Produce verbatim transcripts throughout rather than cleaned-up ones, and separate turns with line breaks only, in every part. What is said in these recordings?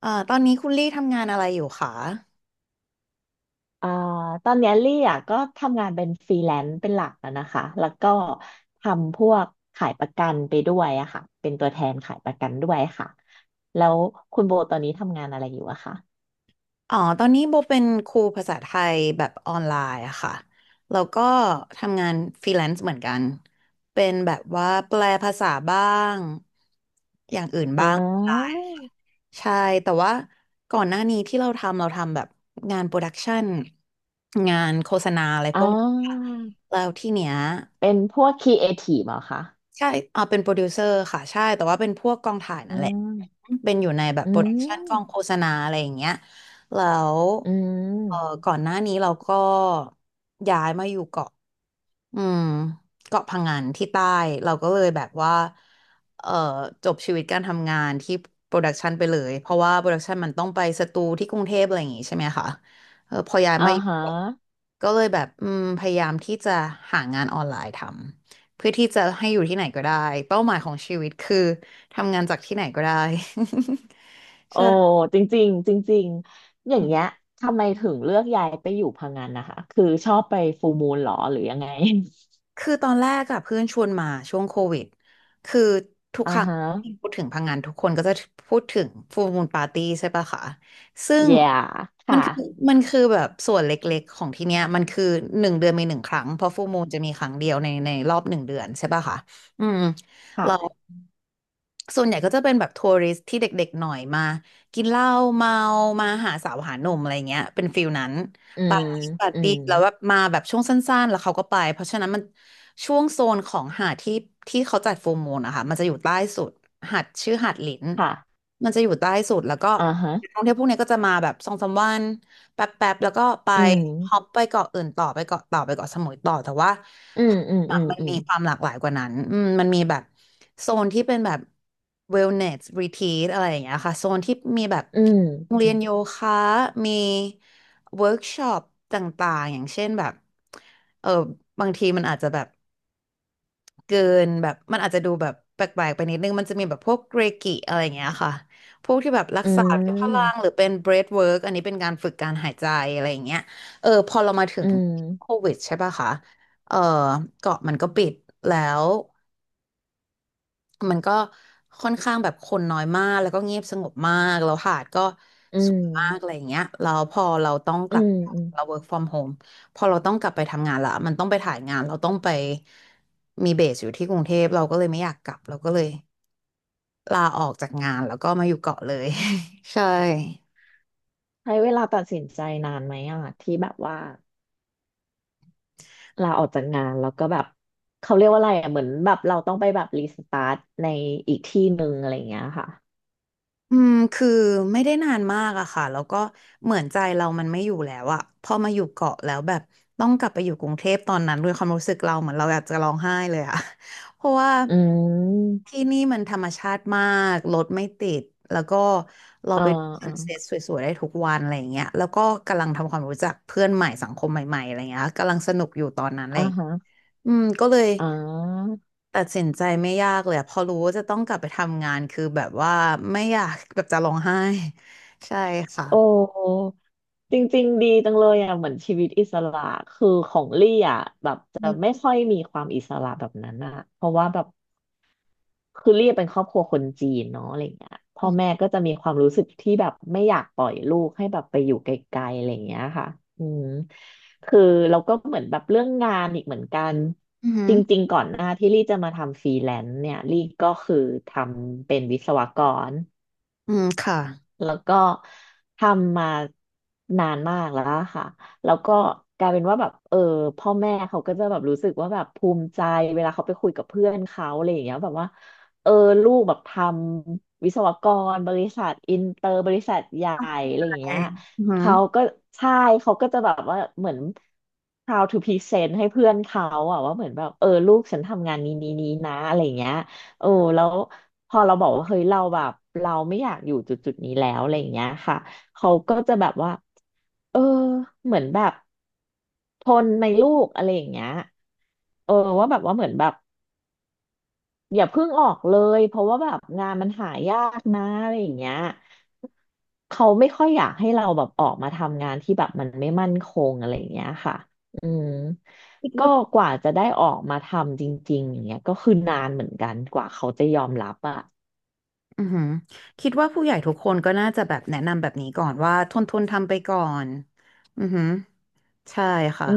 เอ่อตอนนี้คุณลี่ทำงานอะไรอยู่คะ
เอ่อตอนเนี้ยลี่อ่ะก็ทำงานเป็นฟรีแลนซ์เป็นหลักอะนะคะแล้วก็ทำพวกขายประกันไปด้วยอะค่ะเป็นตัวแทนขายประกันด้วยค่ะแล้วคุณโบตอนนี้ทำงานอะไรอยู่อะคะ
อ๋อ ตอนนี้โบเป็นครูภาษาไทยแบบออนไลน์อะค่ะ แล้วก็ทำงานฟรีแลนซ์เหมือนกัน เป็นแบบว่าแปลภาษาบ้าง อย่างอื่น
อ่
บ้างออนไล
า
น์ใช่ แต่ว่าก่อนหน้านี้ที่เราทำเราทำแบบงานโปรดักชันงานโฆษณาอะไร
อ่
พวกนี้ค่ะ
า
แล้วที่เนี้ย
เป็นพวกครีเอทีฟเหรอคะ
ใช่อ่าเป็นโปรดิวเซอร์ค่ะ ใช่ แต่ว่าเป็นพวกกองถ่าย
อื
นั่นแหละ
ม
เป็นอยู่ในแบบ
อื
โปรดักชันกองโฆ
ม
ษณาอะไรอย่างเงี้ยแล้ว
อื
เออ
ม
ก่อนหน้านี้เราก็ย้ายมาอยู่เกาะ อืมเกาะพังงานที่ใต้เราก็เลยแบบว่าเอ่อจบชีวิตการทำงานที่โปรดักชันไปเลยเพราะว่าโปรดักชันมันต้องไปสตูที่กรุงเทพอะไรอย่างงี้ใช่ไหมคะเออพอย้าย
อ่า
มาอยู่
ฮะ
เกาะก็เลยแบบอืมพยายามที่จะหางานออนไลน์ทำเพื่อที่จะให้อยู่ที่ไหนก็ได้เป้าหมายของชีวิตคือทำงานจากที่ไหนก็ได้
โอ้
ใช่
จริงๆจริงๆอย่างเงี้ยทำไมถึงเลือกย้ายไปอยู่พังงานนะคะคือชอบไปฟูลมูนหรอหรือยังไง
คือตอนแรกอะเพื่อนชวนมาช่วงโควิดคือทุก
อ่า
ครั้ง
ฮะ
ที่พูดถึงพังงานทุกคนก็จะพูดถึงฟูลมูนปาร์ตี้ใช่ปะคะซึ่ง
yeah
มันคือ
ค่ะ
มันคือแบบส่วนเล็กๆของที่เนี้ยมันคือหนึ่งเดือนมีหนึ่งครั้งเพราะฟูลมูนจะมีครั้งเดียวในในรอบหนึ่งเดือนใช่ปะคะอืมเรา
ค่ะ
ส่วนใหญ่ก็จะเป็นแบบทัวริสต์ที่เด็กๆหน่อยมากินเหล้าเมามาหาสาวหาหนุ่มอะไรเงี้ยเป็นฟิลนั้น
อื
ปา
ม
ร์ตี้ปาร์
อื
ตี้
ม
แล้วแบบมาแบบช่วงสั้นๆแล้วเขาก็ไปเพราะฉะนั้นมันช่วงโซนของหาดที่ที่เขาจัดฟูลมูนนะคะมันจะอยู่ใต้สุดหาดชื่อหาดหลิน
ค่ะ
มันจะอยู่ใต้สุดแล้วก็
อ่าฮะ
นักท่องเที่ยวพวกเนี้ยก็จะมาแบบสองสามวันแป๊บๆแล้วก็ไป
อืม
ฮอปไปเกาะอื่นต่อไปเกาะเต่อไปเกาะสมุยต่อแต่ว่า
อืม อืมอื
มันมี
ม
ความหลากหลายกว่านั้นอืมมันมีแบบโซนที่เป็นแบบ wellness retreat อะไรอย่างเงี้ยค่ะโซนที่มีแบบ
อืม
โรงเรี
อื
ยนโยคะมี เวิร์กช็อปต่างๆอย่างเช่นแบบเออบางทีมันอาจจะแบบเกินแบบมันอาจจะดูแบบแปลกๆไปนิดนึงมันจะมีแบบพวกเรกิอะไรอย่างเงี้ยค่ะพวกที่แบบรักษาพ้ะพลั
ม
งหรือเป็นเบรธเวิร์กอันนี้เป็นการฝึกการหายใจอะไรอย่างเงี้ยเออพอเรามาถึ
อื
ง
ม
โควิดใช่ป่ะคะเออเกาะมันก็ปิดแล้ว มันก็ค่อนข้างแบบคนน้อยมากแล้วก็เงียบสงบมากแล้วหาดก็
อื
ส
ม
วย
อื
มากอะไร
ม
อย่างเงี้ยแล้วพอเราต้องก
อื
ลับ
มอืม
เรา work from home พอเราต้องกลับไปทำงานละมันต้องไปถ่ายงานเราต้องไปมีเบสอยู่ที่กรุงเทพเราก็เลยไม่อยากกลับเราก็เลยลาออกจากงานแล้วก็มาอยู่เกาะเลย ใช่
ใช้เวลาตัดสินใจนานไหมอ่ะที่แบบว่าลาออกจากงานแล้วก็แบบเขาเรียกว่าอะไรอ่ะเหมือนแบบเราต้องไปแบบรีสตาร์ทในอีกที่หนึ่งอะไรอย่างเงี้ยค่ะ
อืมคือไม่ได้นานมากอะค่ะแล้วก็เหมือนใจเรามันไม่อยู่แล้วอะพอมาอยู่เกาะแล้วแบบต้องกลับไปอยู่กรุงเทพตอนนั้นด้วยความรู้สึกเราเหมือนเราอยากจะร้องไห้เลยอะ เพราะว่า
อืม
ที่นี่มันธรรมชาติมากรถไม่ติดแล้วก็เรา
อ่า
ไปดูซั
อ่า
นเซ็ตสวยๆได้ทุกวันอะไรอย่างเงี้ยแล้วก็กำลังทำความรู้จักเพื่อนใหม่สังคมใหม่ๆอะไรเงี้ยกำลังสนุกอยู่ตอนนั้นเล
อ่า
ย
ฮะ
อืมก็เลย
อ่า
ตัดสินใจไม่ยากเลยอะพอรู้ว่าจะต้องกลับไปทำงานคือแบบว่าไม่อยาก แบบจะร้องไห้ ใช่ค่ะ
โอ้จริงๆดีจังเลยอ่ะเหมือนชีวิตอิสระคือของลี่อ่ะแบบจะ
อื
ไม่
ม
ค่อยมีความอิสระแบบนั้นอ่ะเพราะว่าแบบคือลี่เป็นครอบครัวคนจีนเนาะอะไรเงี้ยพ่อแม่ก็จะมีความรู้สึกที่แบบไม่อยากปล่อยลูกให้แบบไปอยู่ไกลๆอะไรเงี้ยค่ะอืมคือเราก็เหมือนแบบเรื่องงานอีกเหมือนกัน
อือหื
จ
อ
ริงๆก่อนหน้าที่ลี่จะมาทำฟรีแลนซ์เนี่ยลี่ก็คือทำเป็นวิศวกร
อืมค่ะ
แล้วก็ทำมานานมากแล้วอะค่ะ แล้วก็กลายเป็นว่าแบบเออพ่อแม่เขาก็จะแบบรู้สึกว่าแบบภูมิใจเวลาเขาไปคุยกับเพื่อนเขาอะไรอย่างเงี้ยแบบว่าเออลูกแบบทำวิศวกรบริษัทอินเตอร์บริษัทใหญ่อะ
ไ
ไรอย่าง
ป
เงี้ย
อือหือ
เขาก็ใช่เขาก็จะแบบว่าเหมือน proud to present ให้เพื่อนเขาอะว่าเหมือนแบบเออลูกฉันทำงานนี้นี้นี้นะอะไรอย่างเงี้ย โอ้แล้วพอเราบอกว่าเฮ้ยเราแบบเราไม่อยากอยู่จุดจุดนี้แล้วอะไรอย่างเงี้ยค่ะเขาก็จะแบบว่าเออเหมือนแบบทนไหมลูกอะไรอย่างเงี้ยเออว่าแบบว่าเหมือนแบบอย่าเพิ่งออกเลยเพราะว่าแบบงานมันหายากนะอะไรอย่างเงี้ยเขาไม่ค่อยอยากให้เราแบบออกมาทำงานที่แบบมันไม่มั่นคงอะไรอย่างเงี้ยค่ะอืม
คิด
ก็
ว่า
กว่าจะได้ออกมาทำจริงๆอย่างเงี้ยก็คือนานเหมือนกันกว่าเขาจะยอมรับอะ
อือหือคิดว่าผู้ใหญ่ทุกคนก็น่าจะแบบแนะนำแบบนี้ก่อนว่าทนทนทำไปก่อนอือหือใช่
อื
ค่ะ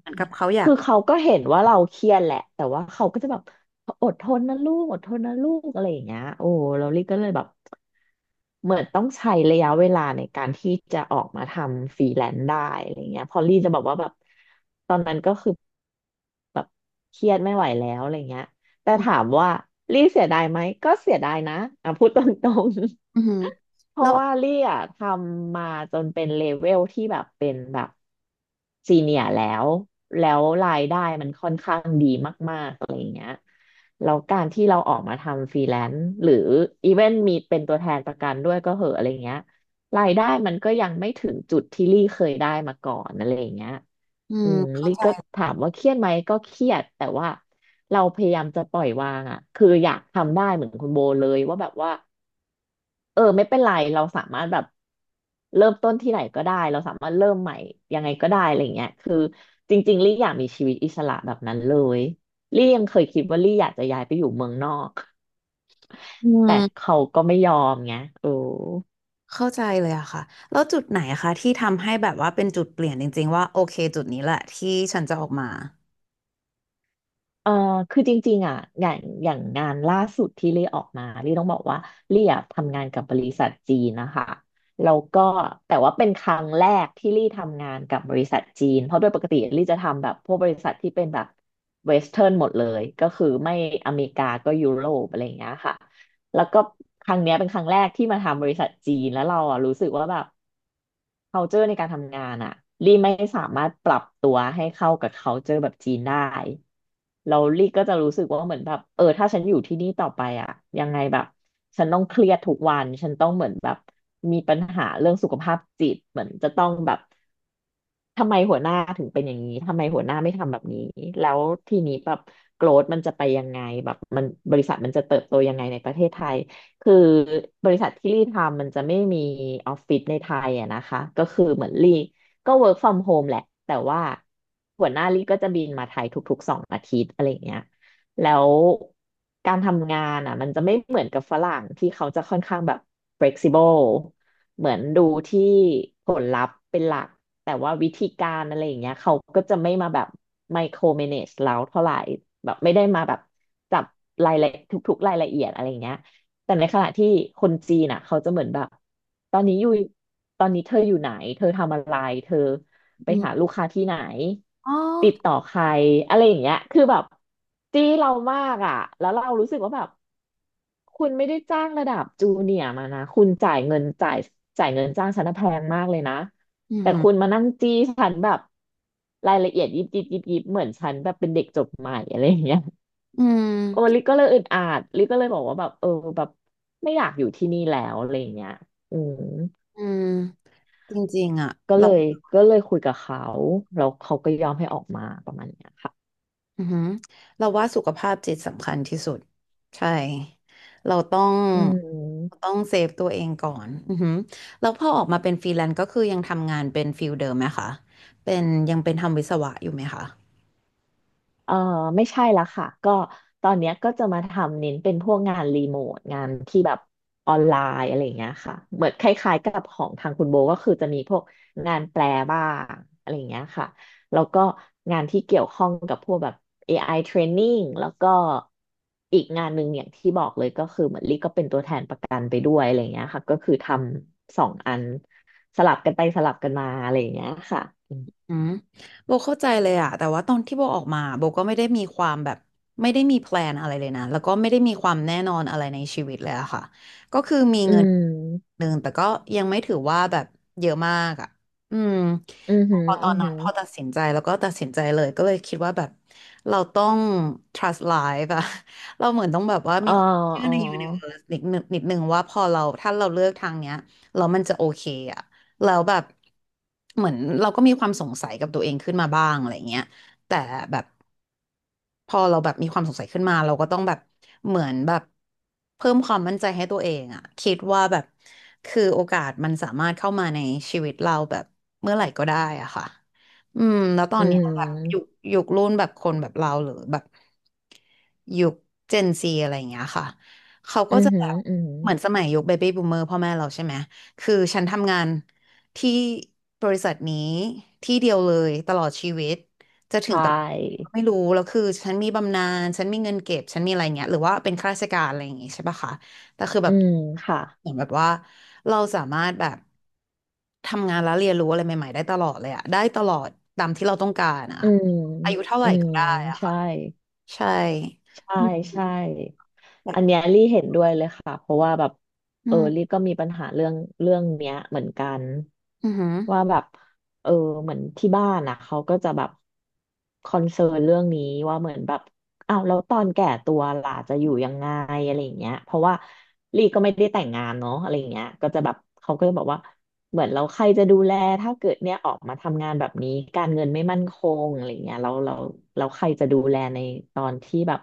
เหมือนกับเขาอยา
คือ
ก
เขาก็เห็นว่าเราเครียดแหละ แต่ว่าเขาก็จะแบบอดทนนะลูก อดทนนะลูกอะไรอย่างเงี้ยโอ้ เราลี่ก็เลยแบบเหมือนต้องใช้ระยะเวลาในการที่จะออกมาทำฟรีแลนซ์ได้อะไรเงี้ยพอลี่จะบอกว่าแบบตอนนั้นก็คือ แบบเครียดไม่ไหวแล้วอะไรเงี้ยแต่
อื
ถาม
ม
ว่าลี่เสียดายไหมก็เสียดายนะอ่ะพูดตรง
อือ
ๆ
หือ
เพ
แล้
ราะ
ว
ว่าลี่อ่ะทำมาจนเป็นเลเวลที่แบบเป็นแบบซีเนียแล้วแล้วรายได้มันค่อนข้างดีมากๆ แล้วการที่เราออกมาทำฟรีแลนซ์หรืออีเวนมีเป็นตัวแทนประกันด้วยก็เหอะอะไรเงี้ยรายได้มันก็ยังไม่ถึงจุดที่ลี่เคยได้มาก่อนอะไรอย่างเงี้ย
อื
อื
ม
ม
เขา
ลี่ก็ถามว่าเครียดไหมก็เครียดแต่ว่าเราพยายามจะปล่อยวางอ่ะคืออยากทำได้เหมือนคุณโบเลยว่าแบบว่า เออไม่เป็นไรเราสามารถแบบเริ่มต้นที่ไหนก็ได้เราสามารถเริ่มใหม่ยังไงก็ได้อะไรเงี้ยคือจริงๆลี่อยากมีชีวิตอิสระแบบนั้นเลยลี่ยังเคยคิดว่าลี่อยากจะย้ายไปอยู่เมืองนอก
อื
แต่
ม
เขาก็ไม่ยอมไงโอ้
เข้าใจเลยอะค่ะแล้วจุดไหนอะคะที่ทำให้แบบว่าเป็นจุดเปลี่ยนจริงๆว่าโอเคจุดนี้แหละที่ฉันจะออกมา
เออคือจริงๆอ่ะอย่างอย่างงานล่าสุดที่เลี่ยออกมาลี่ต้องบอกว่าเลี่ยทำงานกับบริษัทจีนนะคะแล้วก็แต่ว่าเป็นครั้งแรกที่ลี่ทำงานกับบริษัทจีนเพราะโดยปกติลี่จะทำแบบพวกบริษัทที่เป็นแบบเวสเทิร์นหมดเลยก็คือไม่อเมริกาก็ยุโรปอะไรอย่างเงี้ยค่ะ แล้วก็ครั้งเนี้ยเป็นครั้งแรกที่มาทำบริษัทจีนแล้วเราอ่ะรู้สึกว่าแบบ culture ในการทำงานอ่ะลี่ไม่สามารถปรับตัวให้เข้ากับ culture แบบจีนได้เราลี่ก็จะรู้สึกว่าเหมือนแบบเออถ้าฉันอยู่ที่นี่ต่อไปอ่ะยังไงแบบฉันต้องเครียดทุกวันฉันต้องเหมือนแบบมีปัญหาเรื่องสุขภาพจิตเหมือนจะต้องแบบ ทำไมหัวหน้าถึงเป็นอย่างนี้ ทำไมหัวหน้าไม่ทำแบบนี้ แล้วทีนี้แบบโกรธมันจะไปยังไงแบบมันบริษัทมันจะเติบโตยังไงในประเทศไทย คือบริษัทที่ลี่ทำมันจะไม่มีออฟฟิศในไทยอะนะคะ ก็คือเหมือนลี่ก็ work from home แหละ แต่ว่าหัวหน้าลี่ก็จะบินมาไทยทุกๆสองอาทิตย์อะไรอย่างเงี้ยแล้วการทำงานอ่ะมันจะไม่เหมือนกับฝรั่งที่เขาจะค่อนข้างแบบ flexible เหมือนดูที่ผลลัพธ์เป็นหลักแต่ว่าวิธีการอะไรอย่างเงี้ยเขาก็จะไม่มาแบบไมโครเมเนจเราเท่าไหร่แบบไม่ได้มาแบบจับรายละทุกๆรายละเอียดอะไรอย่างเงี้ยแต่ในขณะที่คนจีนอ่ะเขาจะเหมือนแบบตอนนี้อยู่ตอนนี้เธออยู่ไหนเธอทำอะไรเธอไปหา
อื
ลูกค้าที่ไหน
อ๋อ
ติดต่อใครอะไรอย่างเงี้ยคือแบบจี้เรามากอ่ะแล้วเรารู้สึกว่าแบบ คุณไม่ได้จ้างระดับจูเนียร์มานะคุณจ่ายเงินจ่ายจ่ายเงินจ้างฉันน่ะแพงมากเลยนะ
อื
แต่คุณ
ม
มานั่งจี้ฉันแบบรายละเอียดยิบยิบยิบยิบเหมือนฉันแบบเป็นเด็กจบใหม่อะไรอย่างเงี้ย
อืม
โอ้ลิก็เลยอึดอัดลิก็เลยบอกว่าแบบเออแบบไม่อยากอยู่ที่นี่แล้วอะไรอย่างเงี้ยอืม
อืมจริงๆอ่ะ
ก็
เรา
เลยก็เลยคุยกับเขาแล้วเขาก็ยอมให้ออกมาประมาณเนี้ยค่ะ
อืมเราว่าสุขภาพจิตสำคัญที่สุด ใช่ เราต้อง
อื
เราต้
ม
องเซฟตัวเองก่อนอืมแล้วพอออกมาเป็นฟรีแลนซ์ก็คือยังทำงานเป็นฟิลเดิมไหมคะเป็นยังเป็นทำวิศวะอยู่ไหมคะ
เออไม่ใช่ละค่ะก็ตอนเนี้ยก็จะมาทำเน้นเป็นพวกงานรีโมทงานที่แบบออนไลน์อะไรอย่างเงี้ยค่ะเหมือนคล้ายๆกับของทางคุณโบก็คือจะมีพวกงานแปลบ้างอะไรอย่างเงี้ยค่ะแล้วก็งานที่เกี่ยวข้องกับพวกแบบ เอ ไอ training แล้วก็อีกงานหนึ่งอย่างที่บอกเลยก็คือเหมือนลี่ก็เป็นตัวแทนประกันไปด้วยอะไรอย่างเงี้ยค่ะก็คือทำสองอันสลับกันไปสลับกันมาอะไรอย่างเงี้ยค่ะอ
อืมโบเข้าใจเลยอะแต่ว่าตอนที่โบออกมาโบก็ไม่ได้มีความแบบไม่ได้มีแพลนอะไรเลยนะแล้วก็ไม่ได้มีความแน่นอนอะไรในชีวิตเลยอะค่ะก็คือมี
ื
เงินห
ม
นึ่งแต่ก็ยังไม่ถือว่าแบบเยอะมากอะอืม
อือหือ
พอต
อื
อ
ม
น
อ
นั้
หื
น
ม
พอตัดสินใจแล้วก็ตัดสินใจเลยก็เลยคิดว่าแบบเราต้อง trust life อะ เราเหมือนต้องแบบว่า
อ๋
มี
อ
ความเชื่อ
อ๋อ
ใน universe นิดนึงนิดนึงว่าพอเราถ้าเราเลือกทางเนี้ยแล้วมันจะโอเคอะ แล้วแบบเหมือนเราก็มีความสงสัยกับตัวเองขึ้นมาบ้างอะไรเงี้ยแต่แบบ พอเราแบบมีความสงสัยขึ้นมาเราก็ต้องแบบเหมือนแบบเพิ่มความมั่นใจให้ตัวเองอะคิดว่าแบบคือโอกาสมันสามารถเข้ามาในชีวิตเราแบบเมื่อไหร่ก็ได้อะค่ะอืมแล้วตอ
อื
นเนี้ยแบบยุค
ม
ยุครุ่นแบบคนแบบเราหรือแบบยุคเจนซีอะไรอย่างเงี้ยค่ะเขาก็
อืม
จะแบบ
อืม
เหมือนสมัยยุคเบบี้บูมเมอร์พ่อแม่เราใช่ไหมคือฉันทำงานที่บริษัทนี้ที่เดียวเลยตลอดชีวิต จะถึ
ใช
งตำแหน่งไหน
่
ก็ไม่รู้แล้วคือฉันมีบำนาญฉันมีเงินเก็บฉันมีอะไรเงี้ยหรือว่าเป็นข้าราชการอะไรอย่างงี้ใช่ปะคะแต่คือแบ
อื
บ
มค่ะ
เหมือนแบบว่าเราสามารถแบบทำงานแล้วเรียนรู้อะไรใหม่ๆได้ตลอดเลยอะได้ตลอดตามที่เราต้องการอะ
อืม
อายุเท่าไห
อื
ร่
ม
ก็ได้อะ
ใช่
ค่ะใช่
ใช่
อืม
ใช่ อันเนี้ยลี่เห็นด้วยเลยค่ะเพราะว่าแบบ
อื
เออ
ม
ลี่ก็มีปัญหาเรื่องเรื่องเนี้ยเหมือนกัน
อือหือ
ว่าแบบเออเหมือนที่บ้านอ่ะเขาก็จะแบบคอนเซิร์นเรื่องนี้ว่าเหมือนแบบอ้าวแล้วตอนแก่ตัวล่ะจะอยู่ยังไงอะไรอย่างเงี้ยเพราะว่าลี่ก็ไม่ได้แต่งงานเนาะอะไรอย่างเงี้ยก็จะแบบเขาก็จะบอกว่า เหมือนเราใครจะดูแลถ้าเกิดเนี่ยออกมาทำงานแบบนี้การเงินไม่มั่นคงอะไรเงี้ยเราเราเราใครจะดูแลในตอนที่แบบ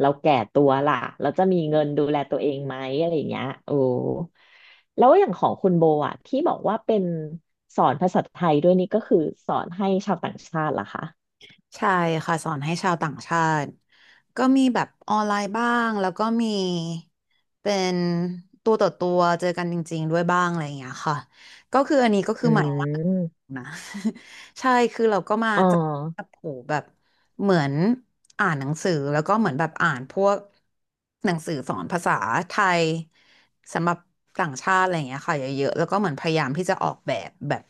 เราแก่ตัวล่ะเราจะมีเงินดูแลตัวเองไหมอะไรเงี้ยโอ้แล้วอย่างของคุณโบอะที่บอกว่าเป็นสอนภาษาไทยด้วยนี่ก็คือสอนให้ชาวต่างชาติเหรอคะ
ใช่ค่ะสอนให้ชาวต่างชาติก็มีแบบออนไลน์บ้างแล้วก็มีเป็นตัวต่อตัวเจอกันจริงๆด้วยบ้างอะไรอย่างเงี้ยค่ะก็คืออันนี้ก็คื
อื
อใหม่มาก
ม
นะ ใช่คือเราก็มา
อ๋อ
จับจับโผแบบเหมือนอ่านหนังสือแล้วก็เหมือนแบบอ่านพวกหนังสือสอนภาษาไทยสำหรับต่างชาติอะไรอย่างเงี้ยค่ะเยอะๆแล้วก็เหมือนพยายามที่จะออกแบบแบบ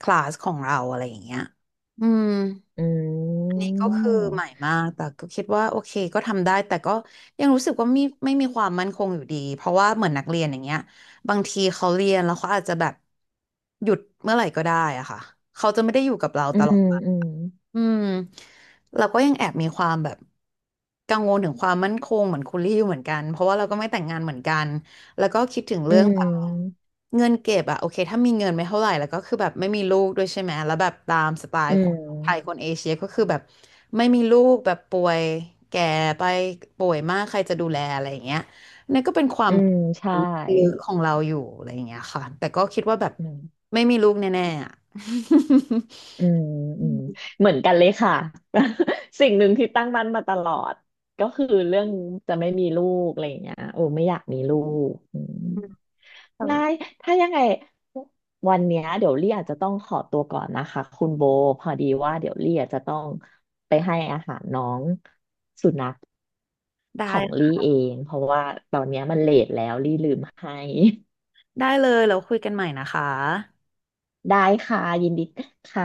คลาสของเราอะไรอย่างเงี้ยอืม
อื
อันนี้
ม
ก็คือใหม่มากแต่ก็คิดว่าโอเคก็ทำได้แต่ก็ยังรู้สึกว่าไม่ไม่มีความมั่นคงอยู่ดีเพราะว่าเหมือนนักเรียนอย่างเงี้ยบางทีเขาเรียนแล้วเขาอาจจะแบบหยุดเมื่อไหร่ก็ได้อะค่ะเขาจะไม่ได้อยู่กับเรา
อื
ตลอด
มอืม
อืมเราก็ยังแอบมีความแบบกังวลถึงความมั่นคงเหมือนคุณลี่อยู่เหมือนกันเพราะว่าเราก็ไม่แต่งงานเหมือนกันแล้วก็คิดถึง
อื
เรื่องแบบ
ม
เงินเก็บอะโอเคถ้ามีเงินไม่เท่าไหร่แล้วก็คือแบบไม่มีลูกด้วยใช่ไหมแล้วแบบตามสไต
อื
ล์ค
ม
นไทยคนเอเชียก็คือแบบไม่มีลูกแบบป่วยแก่ไปป่วยมากใครจะดูแลอะไรอย่างเงี้ยนี่นก็เป็นควา
อื
ม
มใช่
ลึกๆของเราอยู่อะไรอย่างเงี้ยค่ะแต่ก็คิดว่าแบบ
อืม
ไม่มีลูกแน่ๆอะ
อืมอืมเหมือนกันเลยค่ะ สิ่งหนึ่งที่ตั้งมั่นมาตลอดก็คือเรื่องจะไม่มีลูกอะไรอย่างเงี้ยโอ้ไม่อยากมีลูกอืมได้ ถ้ายังไงวันเนี้ยเดี๋ยวลี่อาจจะต้องขอตัวก่อนนะคะคุณโบพอดีว่าเดี๋ยวลี่อาจจะต้องไปให้อาหารน้องสุนัข
ได้
ของลี่เองเพราะว่าตอนเนี้ยมันเลทแล้วลี่ลืมให้
ได้เลยเราคุยกันใหม่นะคะ
ได้ค่ะยินดีค่ะ